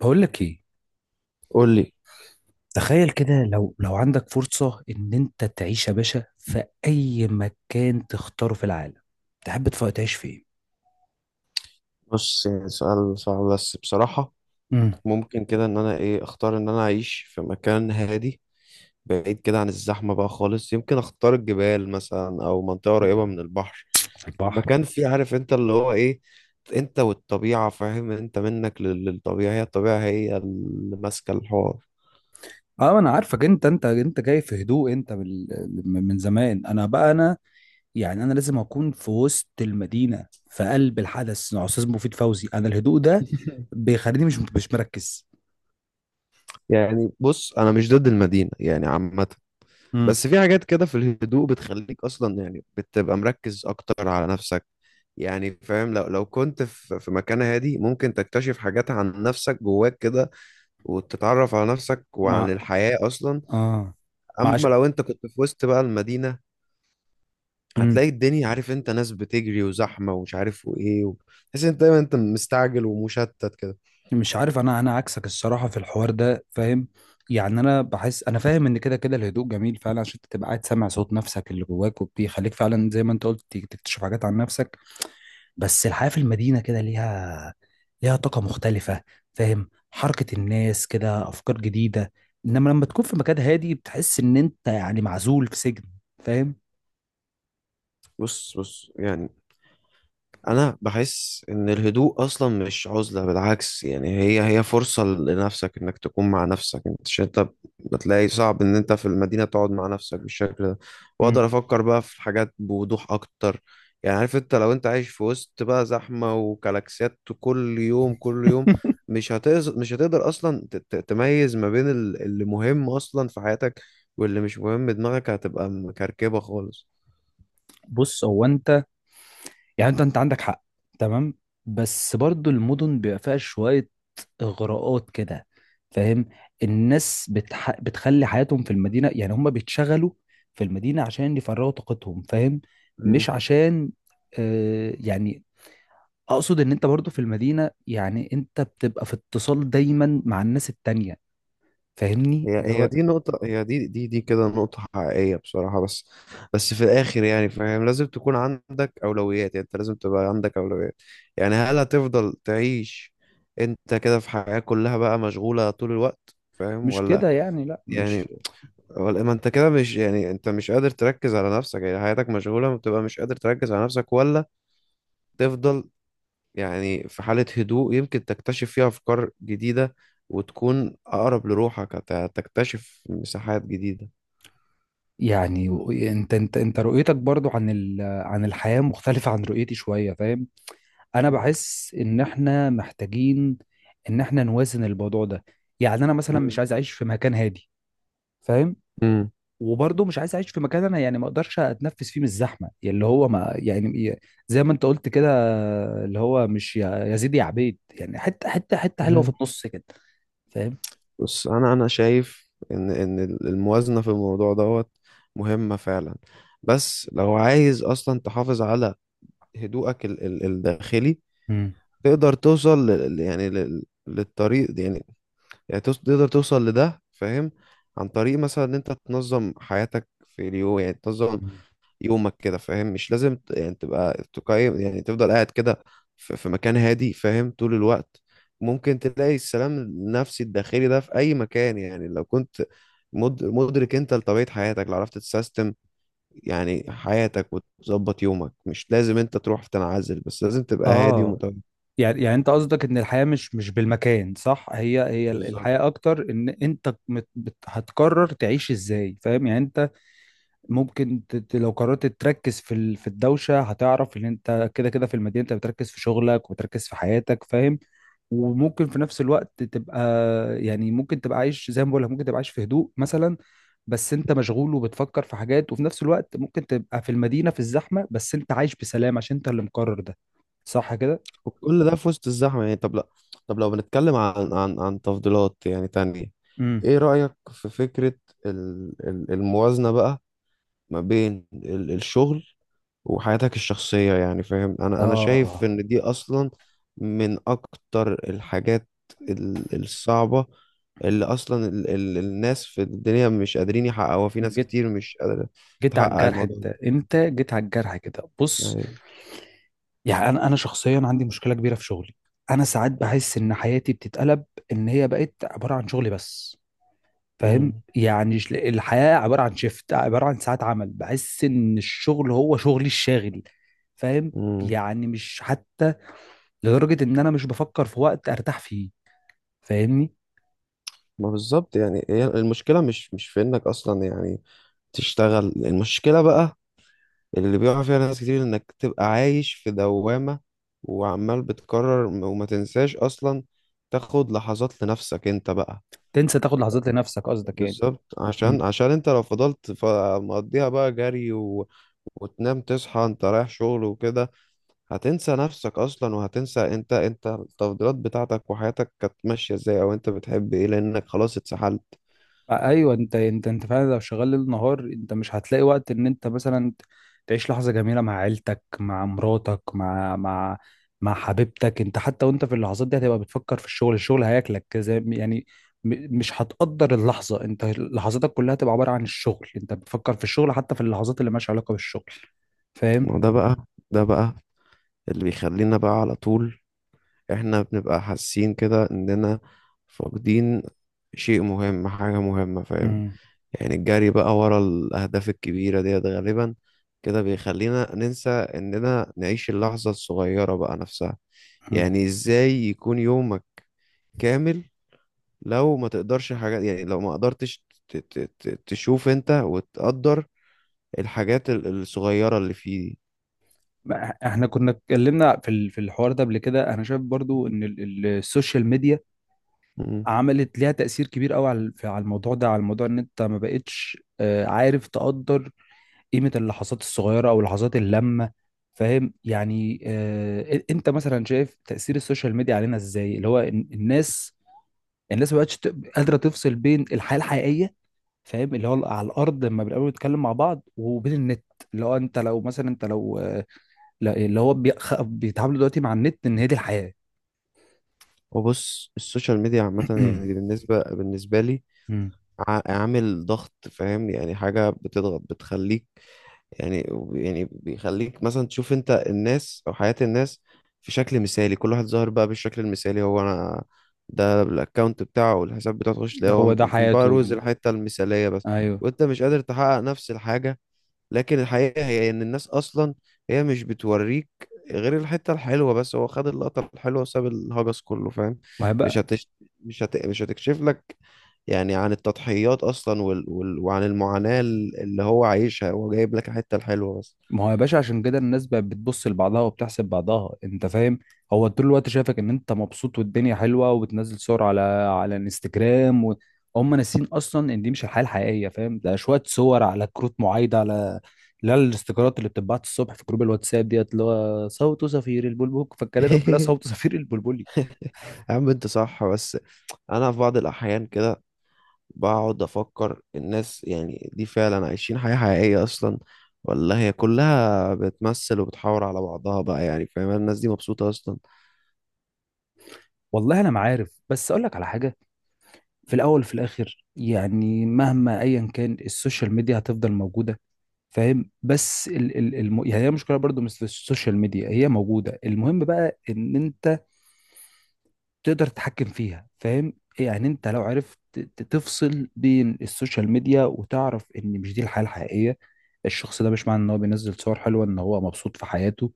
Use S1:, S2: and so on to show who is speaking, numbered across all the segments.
S1: بقول لك ايه؟
S2: قول لي.
S1: تخيل كده لو عندك فرصة ان انت تعيش يا باشا في اي مكان تختاره في العالم. تحب تعيش فين؟
S2: بص، يعني سؤال صعب، بس بصراحة
S1: امم.
S2: ممكن كده ان انا اختار ان انا اعيش في مكان هادي، بعيد كده عن الزحمة بقى خالص. يمكن اختار الجبال مثلا او منطقة قريبة من البحر.
S1: البحر.
S2: المكان فيه عارف انت اللي هو ايه، انت والطبيعة. فاهم؟ انت منك للطبيعة، هي الطبيعة هي اللي ماسكة الحوار.
S1: اه، انا عارفك انت جاي في هدوء. انت من زمان. انا بقى انا، يعني انا لازم اكون في وسط المدينة، في قلب الحدث، استاذ مفيد فوزي. انا الهدوء ده بيخليني مش مركز.
S2: يعني بص، انا مش ضد المدينة يعني عامة،
S1: امم.
S2: بس في حاجات كده في الهدوء بتخليك اصلا، يعني بتبقى مركز اكتر على نفسك. يعني فاهم، لو كنت في مكان هادي، ممكن تكتشف حاجات عن نفسك جواك كده، وتتعرف على نفسك وعن
S1: مع.
S2: الحياة اصلا.
S1: اه. معش.
S2: اما لو انت كنت في وسط بقى المدينة، هتلاقي الدنيا، عارف انت، ناس بتجري وزحمة ومش عارف وايه تحس انت دايما انت مستعجل ومشتت كده.
S1: مش عارف، انا عكسك الصراحه في الحوار ده، فاهم؟ يعني انا بحس، انا فاهم ان كده كده الهدوء جميل فعلا عشان تبقى قاعد سامع صوت نفسك اللي جواك، وبيخليك فعلا زي ما انت قلت تكتشف حاجات عن نفسك. بس الحياه في المدينه كده ليها، ليها طاقه مختلفه، فاهم؟ حركه الناس كده، افكار جديده. انما لما تكون في مكان هادي بتحس ان انت يعني معزول في سجن، فاهم؟
S2: بص يعني، انا بحس ان الهدوء اصلا مش عزلة، بالعكس يعني هي فرصة لنفسك انك تكون مع نفسك انت، مش انت بتلاقي صعب ان انت في المدينة تقعد مع نفسك بالشكل ده.
S1: مم.
S2: واقدر افكر بقى في حاجات بوضوح اكتر. يعني عارف انت، لو انت عايش في وسط بقى زحمة وكلاكسيات كل يوم كل يوم، مش هتقدر اصلا تميز ما بين اللي مهم اصلا في حياتك واللي مش مهم. دماغك هتبقى مكركبة خالص.
S1: بص، هو انت، يعني انت عندك حق، تمام. بس برضو المدن بيبقى فيها شويه اغراءات كده، فاهم؟ الناس بتخلي حياتهم في المدينه. يعني هم بيتشغلوا في المدينه عشان يفرغوا طاقتهم، فاهم؟ مش عشان، آه يعني، اقصد ان انت برضو في المدينه يعني انت بتبقى في اتصال دايما مع الناس التانية، فاهمني؟
S2: هي
S1: اللي
S2: هي
S1: هو
S2: دي نقطة، هي دي دي دي كده نقطة حقيقية بصراحة، بس في الآخر يعني فاهم، لازم تكون عندك أولويات. يعني أنت لازم تبقى عندك أولويات. يعني هل هتفضل تعيش أنت كده في حياة كلها بقى مشغولة طول الوقت، فاهم
S1: مش
S2: ولا؟
S1: كده، يعني لا
S2: يعني
S1: مش
S2: ولا ما أنت كده، مش يعني أنت مش قادر تركز على نفسك، يعني حياتك مشغولة ما بتبقى مش قادر تركز على نفسك، ولا تفضل يعني في حالة هدوء يمكن تكتشف فيها أفكار جديدة وتكون أقرب لروحك، هتكتشف مساحات جديدة.
S1: يعني. انت رؤيتك برضو عن ال... عن الحياه مختلفه عن رؤيتي شويه، فاهم؟ انا
S2: مم.
S1: بحس ان احنا محتاجين ان احنا نوازن الموضوع ده. يعني انا مثلا مش عايز اعيش في مكان هادي، فاهم؟
S2: مم.
S1: وبرضه مش عايز اعيش في مكان انا يعني ما اقدرش اتنفس فيه من الزحمه، يعني اللي هو ما يعني زي ما انت قلت كده، اللي هو مش يا يا زيد يا عبيد. يعني حته حته حته حلوه في
S2: مم.
S1: النص كده، فاهم؟
S2: بس انا شايف ان الموازنه في الموضوع دوت مهمه فعلا. بس لو عايز اصلا تحافظ على هدوءك ال الداخلي
S1: امم.
S2: تقدر توصل لل، يعني لل، للطريق يعني، يعني تقدر توصل لده فاهم، عن طريق مثلا ان انت تنظم حياتك في اليوم. يعني تنظم يومك كده فاهم، مش لازم يعني تبقى تقيم، يعني تفضل قاعد كده في مكان هادي فاهم طول الوقت. ممكن تلاقي السلام النفسي الداخلي ده في أي مكان، يعني لو كنت مدرك انت لطبيعة حياتك، لو عرفت تسيستم يعني حياتك وتظبط يومك، مش لازم انت تروح في تنعزل، بس لازم تبقى هادي
S1: اه،
S2: ومتوازن.
S1: يعني يعني انت قصدك ان الحياه مش مش بالمكان. صح، هي هي
S2: بالظبط.
S1: الحياه اكتر ان انت هتقرر تعيش ازاي، فاهم يعني؟ ممكن لو قررت تركز في في الدوشه، هتعرف ان انت كده كده في المدينه انت بتركز في شغلك وتركز في حياتك، فاهم؟ وممكن في نفس الوقت تبقى، يعني ممكن تبقى عايش زي ما بقول لك، ممكن تبقى عايش في هدوء مثلا، بس انت مشغول وبتفكر في حاجات. وفي نفس الوقت ممكن تبقى في المدينه في الزحمه، بس انت عايش بسلام عشان انت اللي مقرر ده، صح كده؟
S2: وكل ده في وسط الزحمة يعني. طب لا، طب لو بنتكلم عن عن تفضيلات يعني تانية،
S1: امم.
S2: ايه رأيك في فكرة الموازنة بقى ما بين الشغل وحياتك الشخصية؟ يعني فاهم، انا شايف
S1: اه.
S2: ان دي اصلا من اكتر الحاجات الصعبة اللي اصلا ال الناس في الدنيا مش قادرين يحققوها. في ناس
S1: جيت،
S2: كتير مش قادرة
S1: جيت على
S2: تحقق
S1: الجرح.
S2: الموضوع
S1: انت
S2: ده.
S1: انت جيت على الجرح كده، بص.
S2: أيوة.
S1: يعني انا شخصيا عندي مشكله كبيره في شغلي. انا ساعات بحس ان حياتي بتتقلب، ان هي بقت عباره عن شغل بس، فاهم؟
S2: مم.
S1: يعني الحياه عباره عن شيفت، عباره عن ساعات عمل. بحس ان الشغل هو شغلي الشاغل، فاهم؟
S2: مم.
S1: يعني مش حتى، لدرجه ان انا مش بفكر في وقت ارتاح فيه، فاهمني؟
S2: ما بالظبط، يعني هي المشكلة مش في انك اصلا يعني تشتغل. المشكلة بقى اللي بيقع فيها ناس كتير، انك تبقى عايش في دوامة وعمال بتكرر، وما تنساش اصلا تاخد لحظات لنفسك انت بقى.
S1: تنسى تاخد لحظات لنفسك قصدك يعني.
S2: بالظبط، عشان انت لو فضلت مقضيها بقى جري و... وتنام تصحى انت رايح شغل وكده، هتنسى نفسك اصلا، وهتنسى انت التفضيلات بتاعتك وحياتك كانت ماشية ازاي، او انت بتحب ايه، لانك خلاص اتسحلت.
S1: ايوه، انت فعلا لو شغال ليل نهار، انت مش هتلاقي وقت ان انت مثلا تعيش لحظه جميله مع عيلتك، مع مراتك، مع حبيبتك. انت حتى وانت في اللحظات دي هتبقى بتفكر في الشغل. الشغل هياكلك زي يعني مش هتقدر اللحظه. انت لحظاتك كلها هتبقى عباره عن الشغل. انت بتفكر في الشغل حتى في اللحظات اللي مالهاش علاقه بالشغل، فاهم؟
S2: ما ده بقى، ده بقى اللي بيخلينا بقى على طول احنا بنبقى حاسين كده اننا فاقدين شيء مهم، حاجة مهمة فاهم.
S1: مم.
S2: يعني الجري بقى ورا الأهداف الكبيرة ديت غالبا كده بيخلينا ننسى إننا نعيش اللحظة الصغيرة بقى نفسها.
S1: مم.
S2: يعني إزاي يكون يومك كامل لو ما تقدرش حاجات، يعني لو ما قدرتش تشوف أنت وتقدر الحاجات الصغيرة اللي فيه دي.
S1: ما احنا كنا اتكلمنا في في الحوار ده قبل كده. انا شايف برضو ان السوشيال ميديا
S2: مم.
S1: عملت ليها تأثير كبير قوي على على الموضوع ده، على الموضوع ان انت ما بقتش، عارف، تقدر قيمة اللحظات الصغيرة او لحظات اللمة، فاهم يعني؟ انت مثلا شايف تأثير السوشيال ميديا علينا ازاي؟ اللي هو الناس، الناس ما بقتش قادرة تفصل بين الحياة الحقيقية، فاهم؟ اللي هو على الارض لما بنقابل نتكلم مع بعض، وبين النت. اللي هو انت لو مثلا انت لو اللي هو بيتعاملوا دلوقتي مع النت ان هي دي الحياة.
S2: وبص، السوشيال ميديا عامة يعني، بالنسبة لي،
S1: مم.
S2: عامل ضغط فاهم، يعني حاجة بتضغط بتخليك يعني، يعني بيخليك مثلا تشوف انت الناس او حياة الناس في شكل مثالي. كل واحد ظاهر بقى بالشكل المثالي، هو انا ده الاكونت بتاعه والحساب بتاعه، تخش تلاقيه
S1: هو
S2: هو
S1: ده
S2: بقى
S1: حياته،
S2: روز الحتة المثالية بس،
S1: ايوه.
S2: وانت مش قادر تحقق نفس الحاجة. لكن الحقيقة هي إن الناس أصلا هي مش بتوريك غير الحتة الحلوة بس. هو خد اللقطة الحلوة وساب الهجس كله فاهم.
S1: ما هي
S2: مش
S1: بقى.
S2: هتش... مش هتكشف لك يعني عن التضحيات أصلا وعن المعاناة اللي هو عايشها، هو جايب لك الحتة الحلوة بس.
S1: ما هو يا باشا عشان كده الناس بقت بتبص لبعضها وبتحسب بعضها، انت فاهم؟ هو طول الوقت شايفك ان انت مبسوط والدنيا حلوه، وبتنزل صور على على الانستجرام و... هم ناسين اصلا ان دي مش الحياه الحقيقيه، فاهم؟ ده شويه صور على كروت معايده، على لا الاستيكرات اللي بتتبعت الصبح في جروب الواتساب ديت، اللي هو صوت صفير البلبل. فالكلام ده كلها صوت صفير البلبلي.
S2: يا عم أنت صح، بس أنا في بعض الأحيان كده بقعد أفكر، الناس يعني دي فعلا عايشين حياة حقيقية أصلا، ولا هي كلها بتمثل وبتحاور على بعضها بقى؟ يعني فاهم، الناس دي مبسوطة أصلا؟
S1: والله انا ما عارف، بس اقول لك على حاجه. في الاول وفي الاخر، يعني مهما ايا كان، السوشيال ميديا هتفضل موجوده، فاهم؟ بس يعني هي مشكله برضو مش في السوشيال ميديا، هي موجوده. المهم بقى ان انت تقدر تتحكم فيها، فاهم؟ يعني انت لو عرفت تفصل بين السوشيال ميديا وتعرف ان مش دي الحياه الحقيقيه، الشخص ده مش معنى ان هو بينزل صور حلوه ان هو مبسوط في حياته.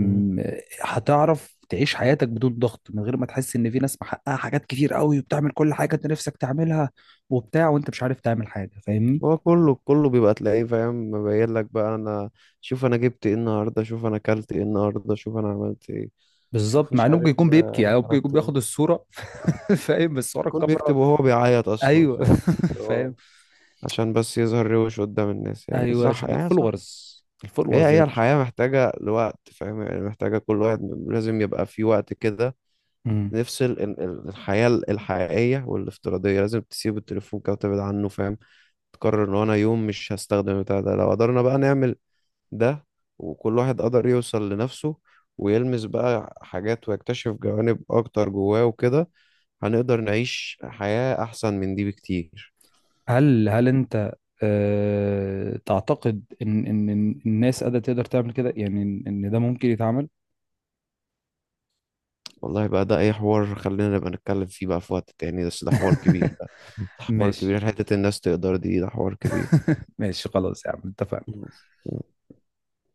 S2: مم.
S1: هتعرف تعيش حياتك بدون ضغط، من غير ما تحس ان في ناس محققه حاجات كتير قوي وبتعمل كل حاجه انت نفسك تعملها وبتاع، وانت مش عارف تعمل حاجه، فاهمني؟
S2: هو كله بيبقى تلاقيه فاهم، مبين لك بقى: انا شوف انا جبت ايه النهارده، شوف انا اكلت ايه النهارده، شوف انا عملت ايه، شوف
S1: بالظبط، مع
S2: مش
S1: انه ممكن
S2: عارف
S1: يكون بيبكي.
S2: انا
S1: يعني هو ممكن يكون
S2: خرجت إيه.
S1: بياخد الصوره، فاهم؟ بس ورا
S2: يكون
S1: الكاميرا.
S2: بيكتب وهو بيعيط اصلا
S1: ايوه.
S2: فاهم.
S1: فاهم.
S2: هو عشان بس يظهر روش قدام الناس، يعني
S1: ايوه،
S2: صح
S1: عشان
S2: يعني صح.
S1: الفولورز،
S2: هي
S1: الفولورز يا
S2: هي
S1: باشا.
S2: الحياة محتاجة لوقت فاهم، يعني محتاجة كل واحد لازم يبقى في وقت كده
S1: مم.
S2: نفصل الحياة الحقيقية والافتراضية. لازم تسيب التليفون كده وتبعد عنه فاهم، تقرر ان انا يوم مش هستخدم البتاع ده. لو قدرنا بقى نعمل ده، وكل واحد قدر يوصل لنفسه ويلمس بقى حاجات ويكتشف جوانب أكتر جواه وكده، هنقدر نعيش حياة أحسن من دي بكتير.
S1: هل انت أه تعتقد ان إن الناس قادره تقدر تعمل كده؟ يعني ان إن ده ممكن يتعمل؟
S2: والله بقى، ده أي حوار خلينا نبقى نتكلم فيه بقى في وقت تاني، بس ده حوار كبير، ده حوار
S1: ماشي.
S2: كبير. حتة الناس تقدر دي، ده حوار كبير.
S1: ماشي خلاص يا عم، اتفقنا.